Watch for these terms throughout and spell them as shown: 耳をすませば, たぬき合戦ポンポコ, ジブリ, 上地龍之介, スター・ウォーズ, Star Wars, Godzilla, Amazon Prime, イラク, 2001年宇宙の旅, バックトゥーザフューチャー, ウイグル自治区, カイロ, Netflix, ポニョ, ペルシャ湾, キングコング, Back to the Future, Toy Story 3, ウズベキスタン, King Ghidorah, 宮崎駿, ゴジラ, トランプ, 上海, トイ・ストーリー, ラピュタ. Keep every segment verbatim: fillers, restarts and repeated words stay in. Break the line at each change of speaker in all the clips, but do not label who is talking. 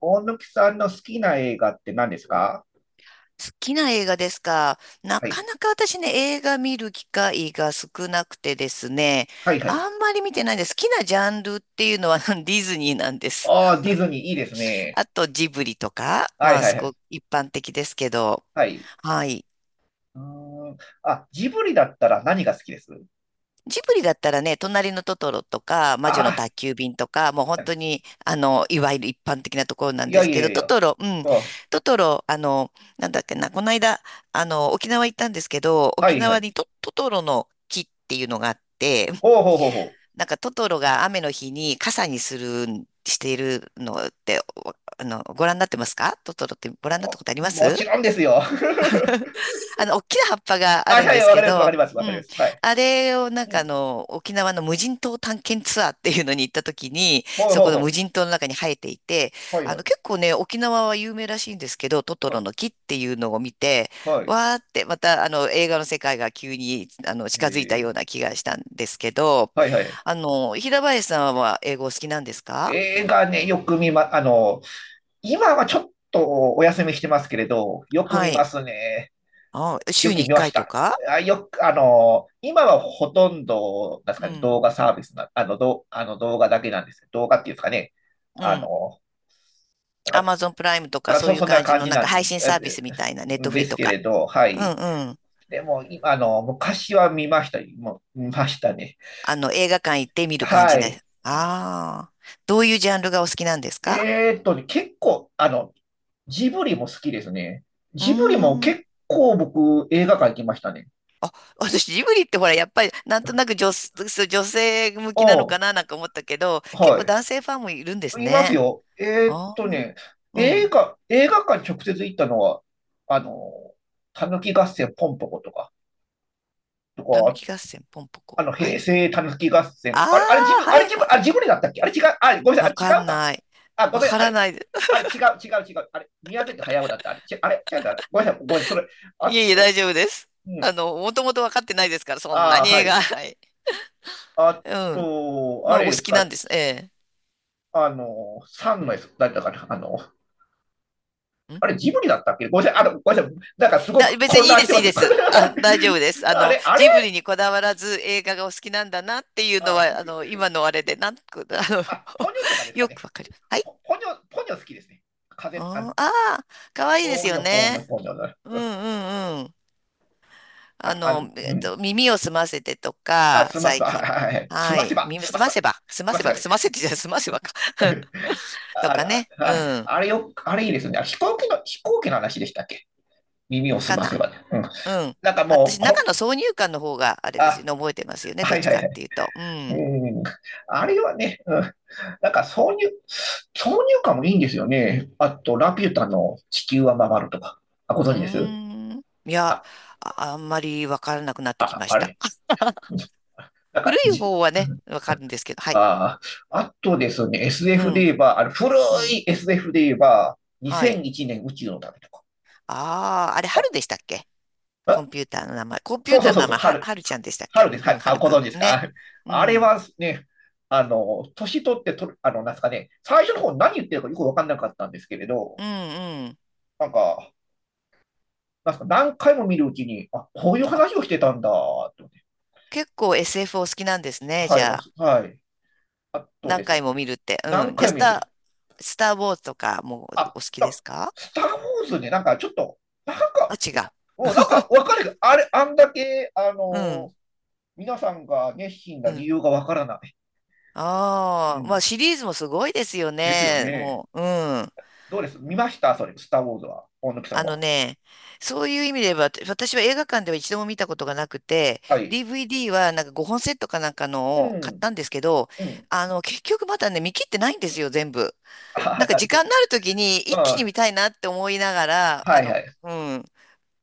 大貫さんの好きな映画って何ですか？
好きな映画ですか。な
は
か
い。
なか私ね、映画見る機会が少なくてですね、
はいは
あ
い。
んまり見てないんです。好きなジャンルっていうのは ディズニーなんです。
ああ、ディズニーいいですね。
あとジブリとか、
は
ま
い
あ
はい
す
は
ご
い。
く一般的ですけど、
はい。
はい。
うーん。あ、ジブリだったら何が好きです？
ジブリだったらね、隣のトトロとか、魔女の宅
あ
急便とか、もう本当
あ、
に、あの、いわゆる一般的なところな
い
んで
や
す
いや
け
いや
ど、
い
ト
や。
トロ、うん、
うん。
トトロ、あの、なんだっけな、この間、あの、沖縄行ったんですけど、
は
沖
いは
縄
い。
にト、トトロの木っていうのがあって、
ほうほうほうほ
なんかトトロが雨の日に傘にするん、しているのって、おあの、ご覧になってますか？トトロってご覧にな
う。
った
あ、
ことありま
もち
す？
ろんですよ。
あの、大きな葉っぱが
あ、
あ
は
る
い
ん
はい、
です
わか
け
ります、わか
ど、
ります、わ
う
かりま
ん。
す。はい。
あれをなん
う
かあ
ん。
の、沖縄の無人島探検ツアーっていうのに行った時に、
ほう
そ
ほう
この無
ほ
人島の中に生えていて、
う。はい
あ
は
の、結
い。
構ね、沖縄は有名らしいんですけど、トト
は
ロ
い。
の木っていうのを見て、
はい。
わーってまたあの、映画の世界が急にあの、近づいたよう
え
な気がしたんですけど、
ー、はいはい。
あの、平林さんは英語お好きなんですか？
映画ね、よく見ま、あの、今はちょっとお休みしてますけれど、よく
は
見ま
い。
すね。
あ、
よ
週
く
に1
見まし
回と
た。
か？
あ、よく、あの、今はほとんど、なんです
う
かね、
ん。
動画サービスな、あの、どう、あの動画だけなんです。動画っていうんですかね。
う
あ
ん。
の、だか
ア
ら、だ
マゾンプライムと
か
か
ら
そう
そ、
いう
そんな
感じ
感
の
じ
なん
な
か
ん
配
です、
信
あ
サービ
で
スみたいな、ネットフ
で
リ
す
と
けれ
か。
ど、は
うん
い。
うん。
でも、今、あの、昔は見ました。もう見ましたね。
あの、映画館行って見る感
は
じ
い。
ね。ああ。どういうジャンルがお好きなんですか？
えーっとね、結構、あの、ジブリも好きですね。
うー
ジブリも
ん。
結構僕、映画館行きましたね。
あ、私、ジブリってほら、やっぱり、なんとなく女、そう女性向きなの
う
か
ん。
ななんか思ったけど、結
は
構
い。
男性ファンもいるんです
います
ね。
よ。えーっ
ああ。
とね、
う
映
ん。
画、映画館直接行ったのは、あの、たぬき合戦ポンポコとか、と
たぬ
か、
き合戦、ポンポ
あ
コ。
の、
は
平
い。
成たぬき合
あ
戦。あれ、あれ自
あ、
分、あ
は
れ
い
自
は
分、
い。
あれ自分でだったっけ？あれ違う、あれ、ごめんなさ
わ
い、あれ
か
違う
ん
か。
ない。
あ、ご
わ
めん、
か
あ
ら
れ、
ない。
あれ違う、違う、違う。あれ、宮崎駿だった。あれ、ちあれ違うんだ。ごめんなさい、ごめんなさい、それ。あ
いえいえ、
と、
大丈夫です。
う
あ
ん、
の、もともと分かってないですから、そんな
ああ、
に
は
映画。
い。
はい。
あ
うん。
と、
ま
あ
あ、お
れ
好
です
きなん
か、
です。え
あの、三のやつ、誰だったかな、あの、
え。ん
あれ、ジブリだったっけ？ごめんなさい、あの、ごめんなさい、なんかすご
だ、
く
別
混
にいい
乱し
で
て
す、
ま
いい
す。
で す。あ、大丈夫です。あ
あ
の、
れ、あれ
ジブリにこだわらず映画がお好きなんだなっていうの
あ
は、あの、今のあれで、なんく、あの、
あ、ポニョとかで すか
よ
ね。
くわかります。はい。
ポポニョ、ポニョ好きですね。
う
風、あ
んああ、かわいいで
ポ
す
ニ
よ
ョ、ポニ
ね。
ョ、ポニョ。
うんうんうん。あ
あ、あ、
の、え
う
っ
ん。
と、耳をすませてと
あ、
か、
すませ
最
ば、は
近。
いはいはい。す
は
ませ
い。
ば、
耳
すま
す
せ
ま
ば、
せば、す
す
ま
ま
せ
せば
ば、
ね。
すませてじゃない、すませばか。と
あれ、
か
あ
ね。うん。
あれよ、あれいいですね。飛行機の、飛行機の話でしたっけ？耳をす
か
ま
な
せばね。うん。
うん。
なんかも
私、
う、
中
こ、
の挿入感の方があれですよ
あ、
ね、覚えてますよね、ど
は
っ
い
ち
は
か
い
っ
はい。
ていうと。うん。
うん。あれはね、うん。なんか挿入、挿入感もいいんですよね。あと、ラピュタの地球は回るとか。あ、ご
う
存知です？
ーん。いや、
あ、
あ、あんまりわからなくなってき
あ、
まし
あ
た。
れ なん
古
か、
い
じ、
方はね、わかるんですけど、はい。
ああ、あとですね、
う
エスエフ で言え
ん。
ば、あの、古
うん。
い エスエフ で言えば、
はい。
にせんいちねん宇宙の旅とか。
ああ、あれ、
あ、
春でしたっけ？コ
あ、
ンピューターの名前。コンピュ
そ
ー
う
タ
そ
ー
う
の
そう
名
そう、
前、は、
春、
はるちゃんでしたっ
春
け？
です。
う
は
ん、
い。
は
あ、
る
ご
く
存
ん。
知ですか？
ね。う
あれ
ん。
はね、あの、年取ってとる、あの、なんですかね、最初の方何言ってるかよくわかんなかったんですけれ
う
ど、
ん、うん。
なんか、なんか、何回も見るうちに、あ、こういう
あ、
話をしてたんだ、と思って。
結構 エスエフ お好きなんですね、
は
じ
い、
ゃ
お
あ。
すはい。あと
何
です。
回も見るって。う
何
ん。じゃあ、
回
ス
も見るんです
タ
よ。
ー、スター・ウォーズとかも
あ、
お好きで
だ、
すか？
スター・ウォーズね、なんかちょっと、なん
あ、
か、
違う。
もうなんかわ かる。あれ、あんだけ、あ
うん、
のー皆さんが熱心な
う
理
ん。
由がわからない。う
ああ、まあ
ん。
シリーズもすごいですよ
ですよ
ね。
ね。
もう、うん。
どうです？見ました？それ、スター・ウォーズは。大貫さん
あの
は。
ね、そういう意味で言えば、私私は映画館では一度も見たことがなくて、
はい。
ディーブイディー はなんかごほんセットかなんか
う
のを買っ
ん。
たんですけど、
うん。
あの、結局まだね、見切ってないんですよ、全部。
あ
なん
あ、
か
な
時
るほ
間
ど。
になるときに
う
一気に
ん。
見たいなって思いながら、あ
はい
の、
はい。
うん。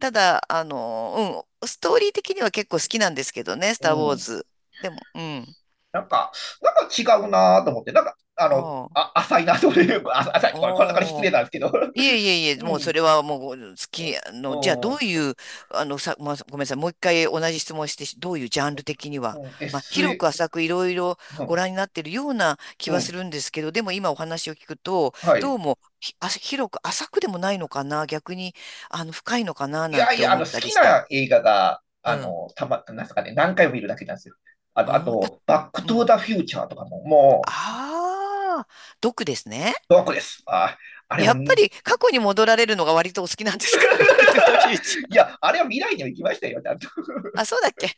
ただ、あの、うん、ストーリー的には結構好きなんですけどね、ス
う
ター・ウォー
ん。
ズ。でも、うん。
なんか、なんか違うなと思って、なんか、あの、
ああ、
あ、浅いなという あ浅い、これ、こんなから失
お
礼なんですけど。
いえいえ いえ、
う
もう
ん。
それはもう好き、あの、じゃあ
う
どう
ん。
いう、あの、さ、まあ、ごめんなさい、もう一回同じ質問してどういうジャンル的には、
うん。
まあ、
s
広く
う
浅くいろいろご
ん。
覧になってるような気
う
はす
ん。
るんですけど、でも今お話を聞くと、
はい。
どうもひ、あ、広く浅くでもないのかな、逆に、あの、深いのかな、
い
なん
やい
て
や、あ
思
の、
っ
好
たり
き
して。
な映画が、
う
あ
ん。
の、たま、なんですかね、何回も見るだけなんですよ。あと、あ
うん、た、
と、バック
う
トゥー
ん。
ザフューチャーとかも、もう、
ああ、毒ですね。
ドアクです。あ、あれ
や
は、
っぱり 過去に戻られるのが割とお好きなんですか？ バックトゥーザフューチャ
い
ー。
や、あれは未来には行きましたよ、ちゃんと。
あ、そうだっけ？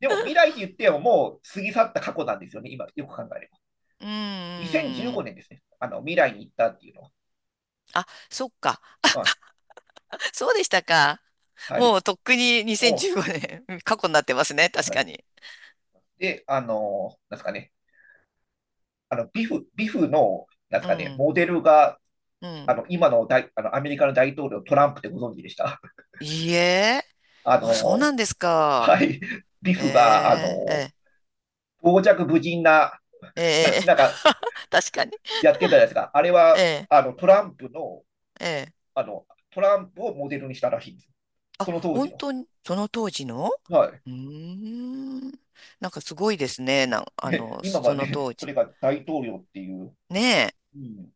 でも、未来って言っても、もう過ぎ去った過去なんですよね、今、よく考えれば。
うんうんう
2015
ん
年ですね。あの、未来に行ったっていうのは。
あ、そっか。
あ
そうでしたか。
は
も
い。
うとっくに
お
にせんじゅうごねん、過去になってますね。確
は
か
い。
に。
で、あの、なんですかね。あの、ビフ、ビフの、なんです
う
かね、
ん。
モデルが、
う
あ
ん。
の、今の大、あの、アメリカの大統領、トランプってご存知でした？
いいえ。
あ
あ、そうな
の、
んですか。
はい。ビ
え
フが、あ
え、
の、
え
傍若無人な、
え、
な、
ええ。
なんか、
確かに。
やってたじゃないですか。あれ
え
は、
え、
あの、トランプの、
ええ。
あの、トランプをモデルにしたらしいんです。
あ、
その当時
本
の。
当に、その当時の？
はい。
うーん。なんかすごいですね。なん、あ
で
の、
今
そ
は
の
ね、
当
そ
時。
れが大統領っていう。
ねえ。
うん、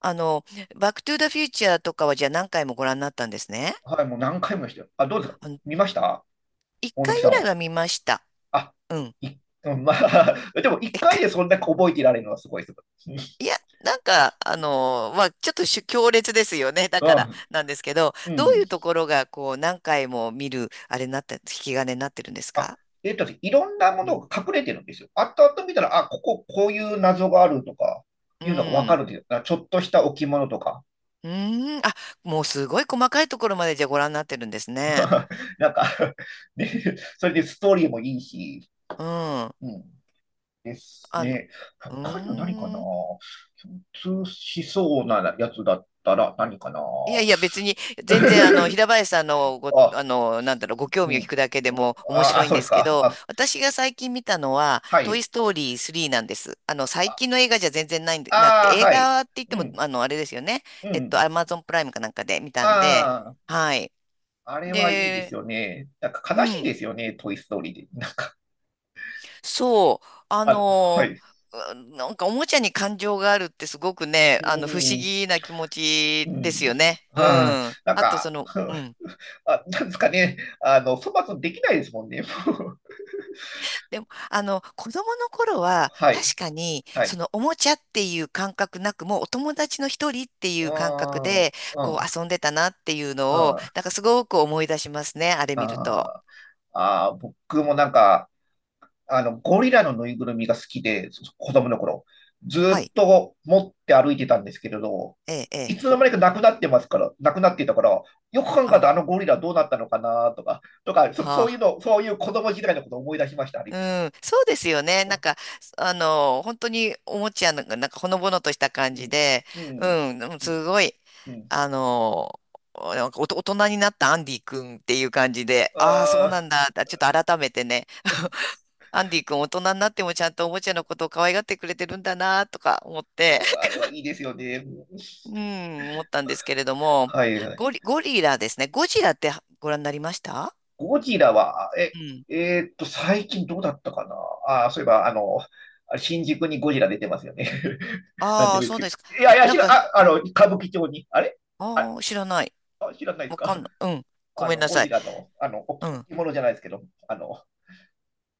あの、バックトゥーザフューチャーとかはじゃあ何回もご覧になったんですね。
はい、もう何回も見ましたよ。あ、どうですか？
あの、
見ました？
一
大
回
貫さ
ぐ
ん
らい
は。
は見ました。
あ、
うん。
い、うん、まあ、でも一
一
回で
回
そんな覚えていられるのはすごいです。
い や、なんか、あのーまあ、ちょっとしゅ強烈ですよね。だ
う
から、
ん
なんですけど、
う
どうい
ん。
うところが、こう、何回も見る、あれになって、引き金になってるんです
あ、
か？
えっと、いろんなも
う
の
ん
が隠れてるんですよ。後々見たら、あ、ここ、こういう謎があるとか、
う
いうのがわか
ん。
るんですよ。ちょっとした置物とか。
うーん。あ、もうすごい細かいところまでじゃあご覧になってるんですね。
なんか ね、それでストーリーもいいし、
うん。あ
うん。です
の、
ね。
う
他には何かな？
ーん。
共通しそうなやつだったら何かな？
いやいや、別に、全然、あの、平林さんの、ご、
あ、
あの、なんだろう、ご興
う
味を
ん。
聞くだけでも面
あ、
白
あ、
いん
そうで
で
す
すけ
か。
ど、
あ、
私が最近見たのは、
は
ト
い。
イ・ストーリースリーなんです。あの、最
あ、
近の映画じゃ全然ないんで、なくて、
あー
映
はい。
画って言っ
う
ても、
ん、
あの、あれですよね。
う
えっと、
ん。
アマゾンプライムかなんかで見たんで、
あ
はい。
あ、あれはいいです
で、
よね。なんか
う
悲しい
ん、
ですよね、トイ・ストーリーで。なんか、
そう、あ
あ、は
の、
い。
うんなんかおもちゃに感情があるってすごくね、
う
あの、不思
ーん、
議な気持
う
ちです
ん。
よね。う
はい。
ん。
なん
あと、
か、
その、うん。
あ、なんですかね。あの、粗末にできないですもんね。
でも、あの、子供の頃は、
はい。
確かに、
は
そ
い。
のおもちゃっていう感覚なく、もうお友達の一人ってい
う
う感覚
ん、うん、うん、
で、こう遊んでたなっていうのを、
あ
なんかすごく思い出しますね、あれ見ると。
ーあー、僕もなんか、あの、ゴリラのぬいぐるみが好きで、そ子供の頃、ずー
は
っ
い。
と持って歩いてたんですけれど、
ええ、え
い
え。
つの間にかなくなってますから、なくなっていたから、よく考えた
あ
らあのゴリラどうなったのかなとか、とか、そ、そ
あ、
ういうの、そういう子供時代のことを思い出しました、あれ
う
見て。
ん、そうですよね。なん
う
か、あの、本当におもちゃの、なんかほのぼのとした感じ
ん、
で、
うん、
うん、でも
うん、
すごい、
うん。
あの、なんかおと大人になったアンディ君っていう感じで、
あ
ああ、そうな
あ、
んだ、あちょっと改めてね、アンディ君大人になってもちゃんとおもちゃのことを可愛がってくれてるんだなとか思っ
う
て、
ん、あれ はいいですよね。
うん、思ったんですけれども、
は
ゴ
い。
リ、ゴリラですね。ゴジラってご覧になりました？
ゴジラは、え、
うん。
えーっと、最近どうだったかな。あー、そういえば、あの、あれ新宿にゴジラ出てますよね。なんで
ああ、
もいいです
そう
けど。
ですか。
いやいや、
な
知
ん
ら、
か、
あ、あの、歌舞伎町に。あれあ、
ああ、知らない。
あ知らないです
わか
か？
んない。うん。ご
あ
めん
の、
な
ゴ
さ
ジ
い。
ラの、あの、おき、
うん。
置物じゃないですけど、あの、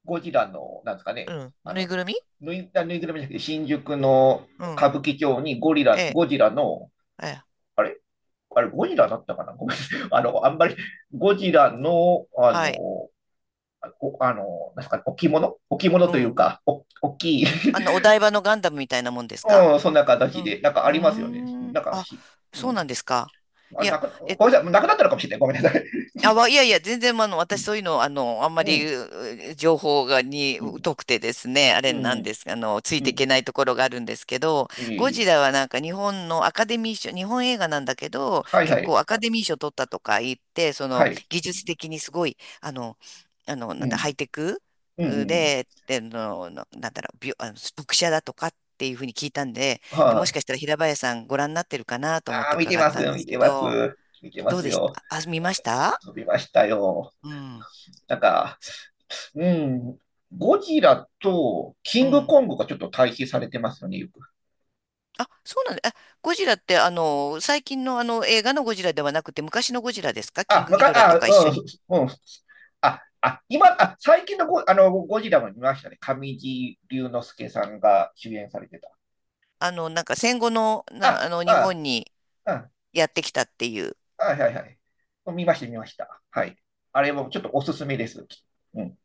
ゴジラの、なんですか
う
ね、
ん。
あ
ぬい
の、
ぐるみ？
ぬい、あぬいぐるみじゃなくて、新宿の
う
歌
ん。
舞伎町にゴリ
え
ラ、
え。
ゴジラの、
ええ。
あれあれ、ゴジラだったかな？ごめん。あの、あんまり、ゴジラの、あ
はい。
の、おあの、なんすかね、置物置物
う
という
ん。
か、お大きい、
あの、お台場のガンダムみたいなもんですか？
うん、そんな
う
形
ん。
で、なんか
う
ありますよね。
ーん。
なんか
あ、
し、う
そう
ん。
なんですか。
あ
い
れな
や、
く、
え
ごめんなさい、なくなったのかもしれない。ごめんなさい。
あ、わいやいや、全然、あの、
う
私そう
ん、
いうの、あの、あんま
う
り、
ん、
う情報が、に、
うん、
疎くてですね、あれ
う
なん
ん、
です、あの、つい
う
ていけ
ん。
ないところがあるんですけど、
い
ゴ
い
ジラはなんか日本のアカデミー賞、日本映画なんだけど、
はいは
結
い、
構アカデミー賞取ったとか言って、そ
は
の、
い。
技術的にすごい、あの、あの、
う
なんだ、ハイ
ん、
テク
うん、
う
うん。
で、で、の、のなんだろう、びょ、あの、読者だとかっていうふうに聞いたんで、で、もし
は
か
い。
したら平林さんご覧になってるかなと
あ
思っ
あ
て
あ、見て
伺っ
ます
たん
よ、
で
見
す
て
け
ます。
ど、
見てま
どう
す
でし
よ。
た？あ、見ました？
飛びましたよ。
うん。
なんか、うん、ゴジラとキ
う
ング
ん。
コングがちょっと対比されてますよね、よく。
あ、そうなんだ。あ、ゴジラって、あの、最近のあの映画のゴジラではなくて、昔のゴジラですか？キン
あ、
グ
わ
ギ
か、
ドラと
あ、
か一緒
うん、そ
に。
うん。すあ、あ、今、あ、最近のゴ、あの、ゴジラも見ましたね。上地龍之介さんが主演されてた。
あの、なんか戦後の、な、
あ、
あの、日
あ、
本に
あ、
やってきたっていう。
あ、はいはい。見ました、見ました。はい。あれもちょっとおすすめです。うん。